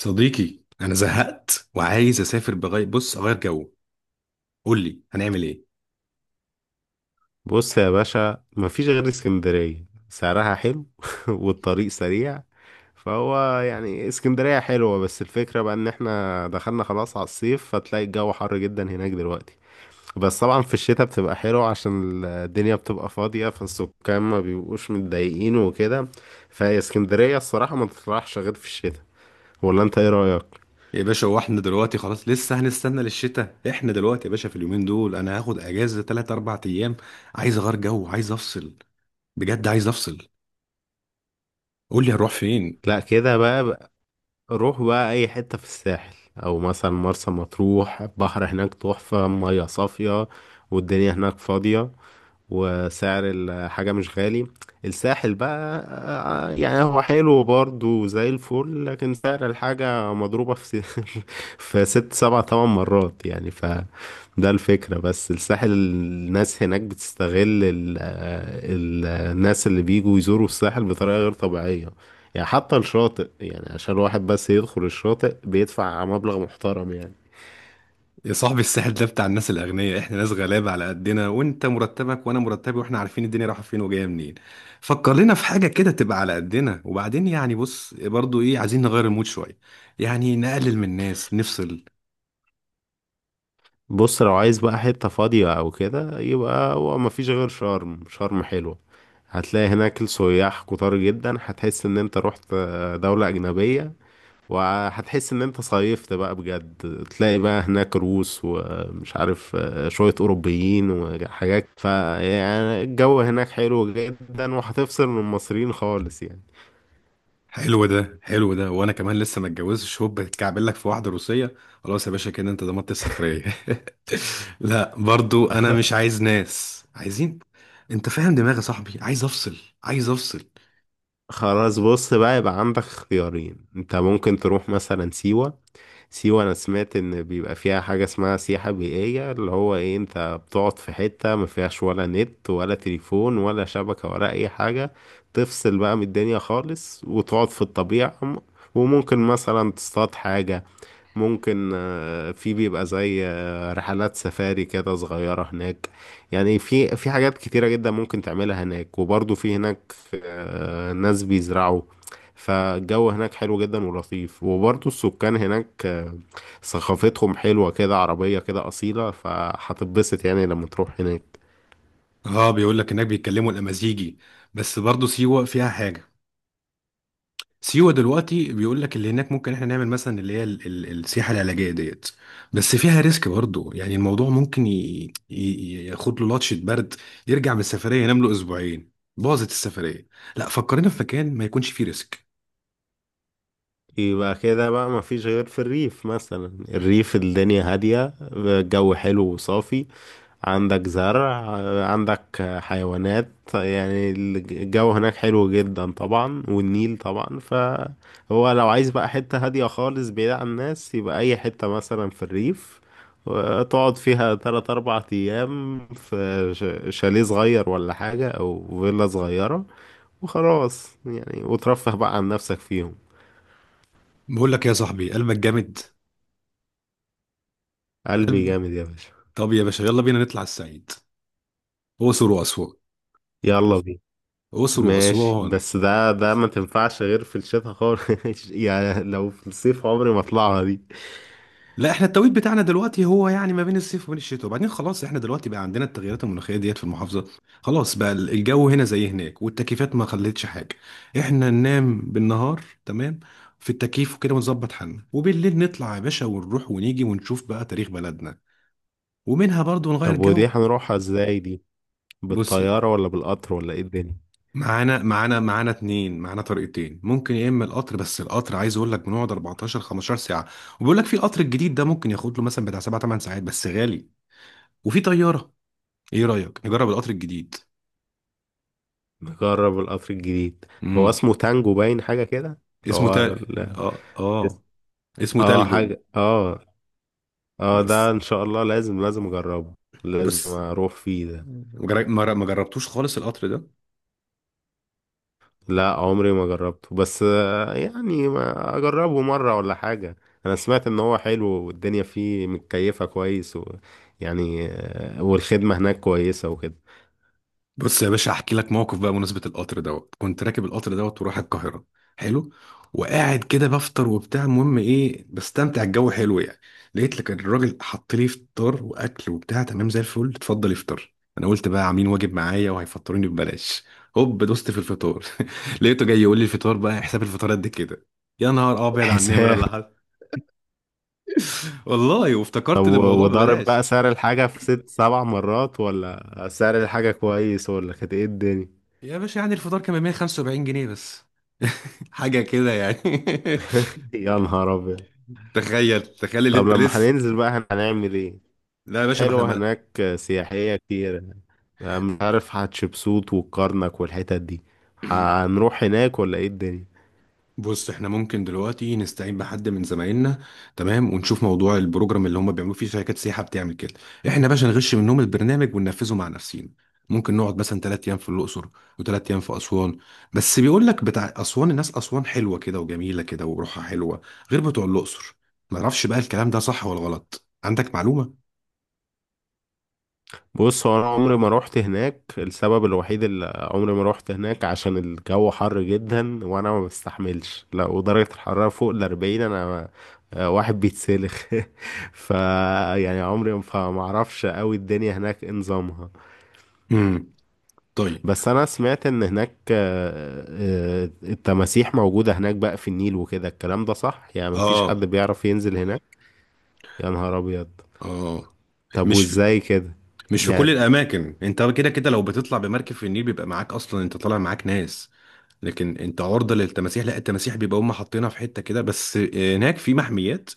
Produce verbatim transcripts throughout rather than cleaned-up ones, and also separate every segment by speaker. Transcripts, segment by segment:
Speaker 1: صديقي انا زهقت وعايز اسافر بغير بص اغير جو. قول لي هنعمل ايه؟
Speaker 2: بص يا باشا، مفيش غير اسكندرية، سعرها حلو. والطريق سريع. فهو يعني اسكندرية حلوة، بس الفكرة بقى ان احنا دخلنا خلاص على الصيف، فتلاقي الجو حر جدا هناك دلوقتي. بس طبعا في الشتاء بتبقى حلوة، عشان الدنيا بتبقى فاضية، فالسكان ما بيبقوش متضايقين وكده. فاسكندرية الصراحة ما تطرحش غير في الشتاء. ولا انت ايه رأيك؟
Speaker 1: يا باشا هو احنا دلوقتي خلاص لسه هنستنى للشتاء؟ احنا دلوقتي يا باشا في اليومين دول انا هاخد اجازه ثلاثة اربعة ايام. عايز اغير جو، عايز افصل. بجد عايز افصل. قول لي هروح فين.
Speaker 2: لا، كده بقى. روح بقى اي حتة في الساحل، او مثلا مرسى مطروح. البحر هناك تحفة، مية صافية، والدنيا هناك فاضية، وسعر الحاجة مش غالي. الساحل بقى آه، يعني هو حلو برضه زي الفل، لكن سعر الحاجة مضروبة في س- في ست سبع تمن مرات يعني. فده الفكرة، بس الساحل الناس هناك بتستغل ال ال الناس اللي بيجوا يزوروا الساحل بطريقة غير طبيعية. يعني حتى الشاطئ، يعني عشان الواحد بس يدخل الشاطئ بيدفع مبلغ محترم يعني.
Speaker 1: يا صاحبي الساحل ده بتاع الناس الاغنياء، احنا ناس غلابه على قدنا، وانت مرتبك وانا مرتبي واحنا عارفين الدنيا رايحه فين وجايه منين. فكر لنا في حاجه كده تبقى على قدنا، وبعدين يعني بص برضو ايه، عايزين نغير المود شويه. يعني نقلل من الناس، نفصل.
Speaker 2: بص، لو عايز بقى حتة فاضية أو كده، يبقى هو مفيش غير شرم. شرم حلوة، هتلاقي هناك السياح كتار جدا، هتحس إن أنت رحت دولة أجنبية، وهتحس إن أنت صيفت بقى بجد. تلاقي بقى هناك روس ومش عارف شوية أوروبيين وحاجات. فيعني الجو هناك حلو جدا، وهتفصل من المصريين خالص يعني.
Speaker 1: حلو ده، حلو ده، وانا كمان لسه ما اتجوزتش، هوب بتكعبل لك في واحده روسيه. خلاص يا باشا كده انت ضمنت السفريه. لا برضو انا مش عايز ناس، عايزين. انت فاهم دماغي يا صاحبي، عايز افصل. عايز افصل.
Speaker 2: خلاص، بص بقى، يبقى عندك اختيارين. أنت ممكن تروح مثلا سيوة. سيوة أنا سمعت إن بيبقى فيها حاجة اسمها سياحة بيئية، اللي هو إيه، أنت بتقعد في حتة ما فيهاش ولا نت ولا تليفون ولا شبكة ولا أي حاجة. تفصل بقى من الدنيا خالص، وتقعد في الطبيعة م- وممكن مثلا تصطاد حاجة. ممكن آه، في بيبقى زي آه، رحلات سفاري كده صغيرة هناك. يعني في في حاجات كتيرة جدا ممكن تعملها هناك. وبرضه في هناك آه، ناس بيزرعوا. فالجو هناك حلو جدا ولطيف، وبرضه السكان هناك آه، ثقافتهم حلوة كده، عربية كده أصيلة، فهتتبسط يعني لما تروح هناك.
Speaker 1: اه، بيقول لك انك بيتكلموا الامازيغي. بس برضو سيوه فيها حاجه. سيوة دلوقتي بيقول لك اللي هناك ممكن احنا نعمل مثلا اللي هي ال- ال- السياحة العلاجية ديت. بس فيها ريسك برضه، يعني الموضوع ممكن ي- ي- ياخد له لطشة برد. يرجع من السفرية ينام له اسبوعين، باظت السفرية. لا، فكرنا في مكان ما يكونش فيه ريسك.
Speaker 2: يبقى كده بقى، مفيش غير في الريف مثلا. الريف الدنيا هادية، الجو حلو وصافي، عندك زرع، عندك حيوانات. يعني الجو هناك حلو جدا طبعا، والنيل طبعا. فهو لو عايز بقى حتة هادية خالص بعيد عن الناس، يبقى أي حتة مثلا في الريف، تقعد فيها تلات أربع أيام في ش- شاليه صغير ولا حاجة، أو فيلا صغيرة. وخلاص يعني، وترفه بقى عن نفسك فيهم.
Speaker 1: بقول لك يا صاحبي قلبك جامد.
Speaker 2: قلبي
Speaker 1: قلب.
Speaker 2: جامد يا باشا.
Speaker 1: طب يا باشا يلا بينا نطلع الصعيد. اقصر واسوان.
Speaker 2: يلا بينا.
Speaker 1: اقصر
Speaker 2: ماشي،
Speaker 1: واسوان.
Speaker 2: بس ده ده ما تنفعش غير في الشتاء خالص. يعني لو في الصيف عمري ما اطلعها دي.
Speaker 1: لا، احنا التوقيت بتاعنا دلوقتي هو يعني ما بين الصيف وبين الشتاء، وبعدين خلاص احنا دلوقتي بقى عندنا التغيرات المناخيه ديت في المحافظه. خلاص بقى ال- الجو هنا زي هناك والتكييفات ما خلتش حاجه. احنا ننام بالنهار تمام في التكييف وكده، ونظبط حالنا، وبالليل نطلع يا باشا ونروح ونيجي ونشوف بقى تاريخ بلدنا. ومنها برضو نغير
Speaker 2: طب
Speaker 1: جو.
Speaker 2: ودي هنروحها ازاي دي؟
Speaker 1: بص،
Speaker 2: بالطيارة ولا بالقطر ولا ايه الدنيا؟
Speaker 1: معانا معانا معانا اتنين، معانا طريقتين ممكن، يا اما القطر، بس القطر عايز اقول لك بنقعد اربعتاشر خمستاشر ساعة ساعه، وبيقول لك في القطر الجديد ده ممكن ياخد له مثلا بتاع سبعة 8 ساعات بس غالي، وفي طياره. ايه رأيك نجرب القطر الجديد؟
Speaker 2: نجرب القطر الجديد. هو
Speaker 1: امم
Speaker 2: اسمه تانجو باين، حاجة كده اللي
Speaker 1: اسمه
Speaker 2: هو
Speaker 1: تل.
Speaker 2: ال-
Speaker 1: اه، اه. اسمه
Speaker 2: اه
Speaker 1: تلجو.
Speaker 2: حاجة، اه. اه، ده
Speaker 1: بس
Speaker 2: ان شاء الله لازم لازم اجربه. لازم
Speaker 1: بس
Speaker 2: اروح فيه ده.
Speaker 1: مجر- ما جر- ما جربتوش خالص القطر ده.
Speaker 2: لا، عمري ما جربته، بس آه، يعني ما اجربه مرة ولا حاجة. انا سمعت ان هو حلو والدنيا فيه متكيفة كويس، و يعني آه، والخدمة هناك كويسة وكده.
Speaker 1: بص يا باشا احكي لك موقف بقى بمناسبة القطر دوت. كنت راكب القطر دوت ورايح القاهرة. حلو. وقاعد كده بفطر وبتاع، المهم ايه، بستمتع، الجو حلو يعني. لقيت لك الراجل حط لي فطار واكل وبتاع تمام زي الفل، اتفضل افطر. انا قلت بقى عاملين واجب معايا وهيفطروني ببلاش. هوب دوست في الفطار. لقيته جاي يقول لي الفطار بقى، حساب الفطار قد كده. يا نهار ابيض على النمرة
Speaker 2: الحساب؟
Speaker 1: اللي حصل. والله
Speaker 2: طب
Speaker 1: وافتكرت إن
Speaker 2: و-
Speaker 1: الموضوع
Speaker 2: وضارب
Speaker 1: ببلاش.
Speaker 2: بقى سعر الحاجة في ست سبع مرات، ولا سعر الحاجة كويس، ولا كانت ايه الدنيا؟
Speaker 1: يا باشا، يعني الفطار كان ب مائة وخمسة وسبعين جنيه بس. حاجة كده يعني.
Speaker 2: يا نهار ابيض.
Speaker 1: تخيل، تخيل اللي
Speaker 2: طب
Speaker 1: انت
Speaker 2: لما
Speaker 1: لسه.
Speaker 2: هننزل بقى هن- هنعمل ايه؟
Speaker 1: لا يا باشا، ما احنا
Speaker 2: حلوة
Speaker 1: ما...
Speaker 2: هناك آه، سياحية كتير. آه، مش عارف هتشبسوت والكرنك والحتت دي، هنروح هناك ولا ايه الدنيا؟
Speaker 1: بص، احنا ممكن دلوقتي نستعين بحد من زمايلنا، تمام، ونشوف موضوع البروجرام اللي هم بيعملوه، فيه شركات سياحة بتعمل كده. احنا يا باشا نغش منهم البرنامج وننفذه مع نفسينا. ممكن نقعد مثلا ثلاث ايام في الاقصر، وثلاث ايام في اسوان. بس بيقول لك بتاع اسوان، الناس اسوان حلوة كده وجميلة كده وروحها حلوة، غير بتوع الاقصر. ما اعرفش بقى الكلام ده صح ولا غلط، عندك معلومة؟
Speaker 2: بص، هو انا عمري ما روحت هناك. السبب الوحيد اللي عمري ما روحت هناك عشان الجو حر جدا وانا ما بستحملش، لا، ودرجة الحرارة فوق الاربعين. انا ما- آه، واحد بيتسلخ. ف يعني عمري ما، فما اعرفش قوي الدنيا هناك إيه نظامها.
Speaker 1: امم طيب.
Speaker 2: بس انا سمعت ان هناك آه، آه، التماسيح موجودة هناك بقى في النيل وكده. الكلام ده صح؟ يعني مفيش حد
Speaker 1: اه،
Speaker 2: بيعرف ينزل هناك؟ يا نهار ابيض.
Speaker 1: اه.
Speaker 2: طب
Speaker 1: مش في
Speaker 2: وازاي كده؟
Speaker 1: مش في كل
Speaker 2: يعني
Speaker 1: الاماكن. انت كده كده لو بتطلع بمركب في النيل بيبقى معاك اصلا، انت طالع معاك ناس. لكن انت عرضة للتماسيح؟ لا، التماسيح بيبقى هم حاطينها في حتة كده بس هناك، في محميات.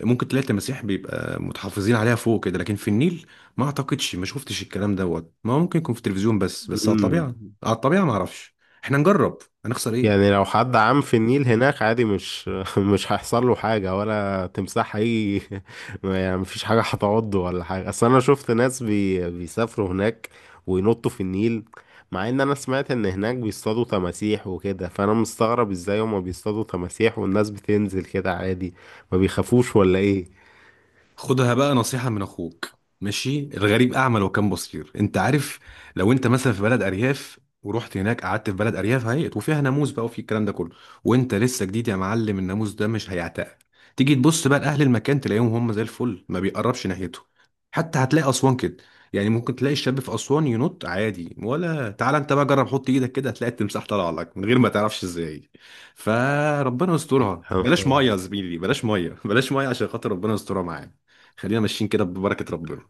Speaker 1: ممكن تلاقي التماسيح بيبقى متحفظين عليها فوق كده، لكن في النيل ما اعتقدش. ما شفتش الكلام دوت. ما هو ممكن يكون في التلفزيون، بس بس على
Speaker 2: مم.
Speaker 1: الطبيعة. على الطبيعة ما اعرفش. احنا نجرب، هنخسر
Speaker 2: يعني
Speaker 1: ايه؟
Speaker 2: لو حد عام في النيل هناك عادي، مش مش هيحصل له حاجة، ولا تمساح هي؟ يعني مفيش حاجة هتعضه ولا حاجة؟ أصل أنا شفت ناس بي... بيسافروا هناك وينطوا في النيل، مع إن أنا سمعت إن هناك بيصطادوا تماسيح وكده. فأنا مستغرب إزاي هما بيصطادوا تماسيح والناس بتنزل كده عادي، ما بيخافوش ولا إيه؟
Speaker 1: خدها بقى نصيحة من أخوك. ماشي، الغريب أعمى لو كان بصير، أنت عارف؟ لو أنت مثلا في بلد أرياف، ورحت هناك قعدت في بلد أرياف هيئت وفيها ناموس بقى وفي الكلام ده كله، وأنت لسه جديد يا معلم، الناموس ده مش هيعتقل. تيجي تبص بقى لأهل المكان تلاقيهم هم زي الفل، ما بيقربش ناحيته. حتى هتلاقي أسوان كده. يعني ممكن تلاقي الشاب في أسوان ينط عادي، ولا تعالى أنت بقى جرب حط إيدك كده، هتلاقي التمساح طالع لك من غير ما تعرفش إزاي. فربنا يسترها، بلاش مية يا زميلي، بلاش مية، بلاش مية عشان خاطر ربنا يسترها معاك. خلينا ماشيين كده ببركة ربنا.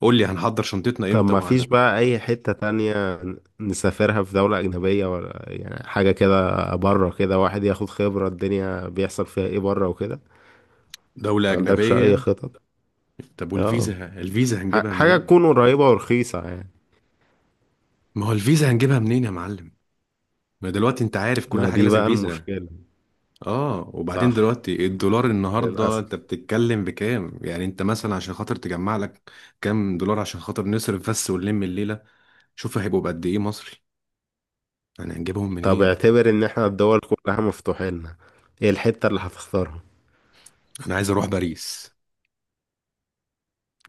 Speaker 1: قول لي هنحضر شنطتنا
Speaker 2: طب
Speaker 1: امتى
Speaker 2: ما
Speaker 1: وهنا.
Speaker 2: فيش بقى أي حتة تانية نسافرها في دولة أجنبية؟ ولا يعني حاجة كده بره كده، واحد ياخد خبرة الدنيا بيحصل فيها إيه بره وكده.
Speaker 1: دولة
Speaker 2: ما عندكش أي
Speaker 1: أجنبية؟
Speaker 2: خطط؟
Speaker 1: طب
Speaker 2: اه،
Speaker 1: والفيزا، الفيزا
Speaker 2: ح-
Speaker 1: هنجيبها
Speaker 2: حاجة
Speaker 1: منين؟
Speaker 2: تكون قريبة ورخيصة يعني.
Speaker 1: ما هو الفيزا هنجيبها منين يا معلم؟ ما دلوقتي انت عارف كل
Speaker 2: ما
Speaker 1: حاجة
Speaker 2: دي
Speaker 1: لازم
Speaker 2: بقى
Speaker 1: فيزا.
Speaker 2: المشكلة.
Speaker 1: اه، وبعدين
Speaker 2: صح،
Speaker 1: دلوقتي الدولار النهاردة
Speaker 2: للأسف.
Speaker 1: انت بتتكلم بكام؟ يعني انت مثلا عشان خاطر تجمع لك كام دولار عشان خاطر نصرف بس ونلم الليلة، شوف هيبقوا بقد ايه مصري، انا هنجيبهم
Speaker 2: طب
Speaker 1: منين؟
Speaker 2: اعتبر إن احنا الدول كلها مفتوحة لنا، إيه الحتة اللي هتختارها؟
Speaker 1: انا عايز اروح باريس.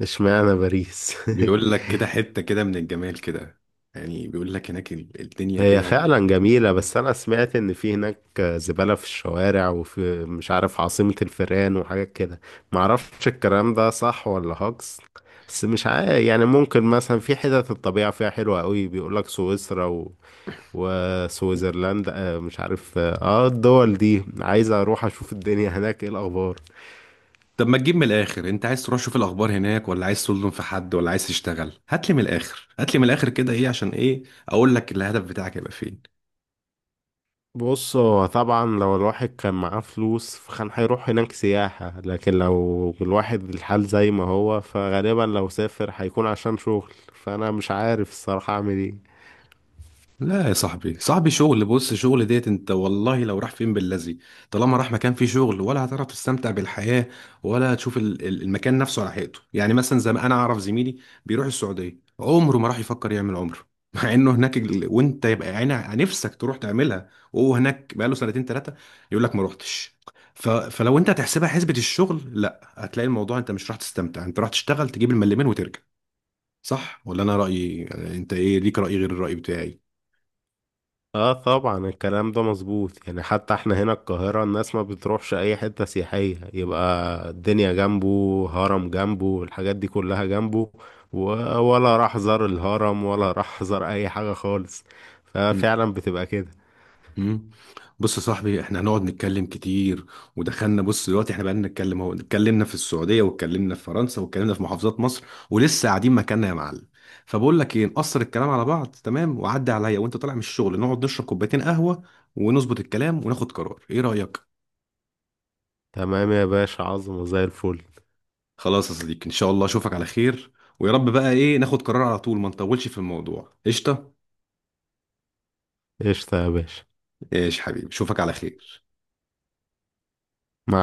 Speaker 2: اشمعنى باريس؟
Speaker 1: بيقول لك كده حتة كده من الجمال كده. يعني بيقول لك هناك ال- الدنيا
Speaker 2: هي
Speaker 1: كده.
Speaker 2: فعلا جميلة، بس أنا سمعت إن في هناك زبالة في الشوارع، وفي مش عارف عاصمة الفئران وحاجات كده. معرفش الكلام ده صح ولا هاكس. بس مش عارف، يعني ممكن مثلا في حتت الطبيعة فيها حلوة قوي، بيقولك سويسرا و... وسويسرلاند، آه، مش عارف، اه، آه، الدول دي عايز أروح أشوف الدنيا هناك إيه الأخبار.
Speaker 1: طب ما تجيب من الاخر، انت عايز تروح شوف الاخبار هناك، ولا عايز تظلم في حد، ولا عايز تشتغل؟ هات لي من الاخر، هات لي من الاخر كده، ايه عشان ايه؟ اقول لك الهدف بتاعك هيبقى فين.
Speaker 2: بص، هو طبعا لو الواحد كان معاه فلوس فكان هيروح هناك سياحة، لكن لو الواحد الحال زي ما هو فغالبا لو سافر هيكون عشان شغل. فأنا مش عارف الصراحة أعمل إيه.
Speaker 1: لا يا صاحبي، صاحبي شغل، بص شغل ديت انت والله لو راح فين باللذي، طالما راح مكان فيه شغل ولا هتعرف تستمتع بالحياة، ولا تشوف ال- ال- المكان نفسه على حقيقته. يعني مثلا زي ما انا اعرف زميلي بيروح السعودية عمره ما راح يفكر يعمل عمره مع انه هناك ال- وانت يبقى عينك نفسك تروح تعملها، وهو هناك بقاله سنتين ثلاثة، يقول لك ما روحتش. ف... فلو انت هتحسبها حسبة الشغل، لا هتلاقي الموضوع انت مش راح تستمتع، انت راح تشتغل تجيب الملمين وترجع. صح ولا انا رأيي؟ انت ايه ليك رأي غير الرأي بتاعي؟
Speaker 2: اه طبعا الكلام ده مظبوط، يعني حتى احنا هنا القاهرة، الناس ما بتروحش أي حتة سياحية. يبقى الدنيا جنبه هرم، جنبه الحاجات دي كلها جنبه، و- ولا راح زار الهرم، ولا راح زار أي حاجة خالص. ففعلا بتبقى كده.
Speaker 1: مم. بص يا صاحبي، احنا هنقعد نتكلم كتير، ودخلنا، بص دلوقتي احنا بقالنا نتكلم اهو، اتكلمنا في السعوديه واتكلمنا في فرنسا واتكلمنا في محافظات مصر، ولسه قاعدين مكاننا يا معلم. فبقول لك ايه، نقصر الكلام على بعض، تمام، وعدي عليا وانت طالع من الشغل نقعد نشرب كوبايتين قهوه ونظبط الكلام وناخد قرار. ايه رايك؟
Speaker 2: تمام يا باشا، عظمة زي الفل.
Speaker 1: خلاص يا صديقي، ان شاء الله اشوفك على خير. ويا رب بقى ايه ناخد قرار على طول ما نطولش في الموضوع. قشطه.
Speaker 2: قشطة يا باشا.
Speaker 1: ايش حبيبي، اشوفك على خير.
Speaker 2: مع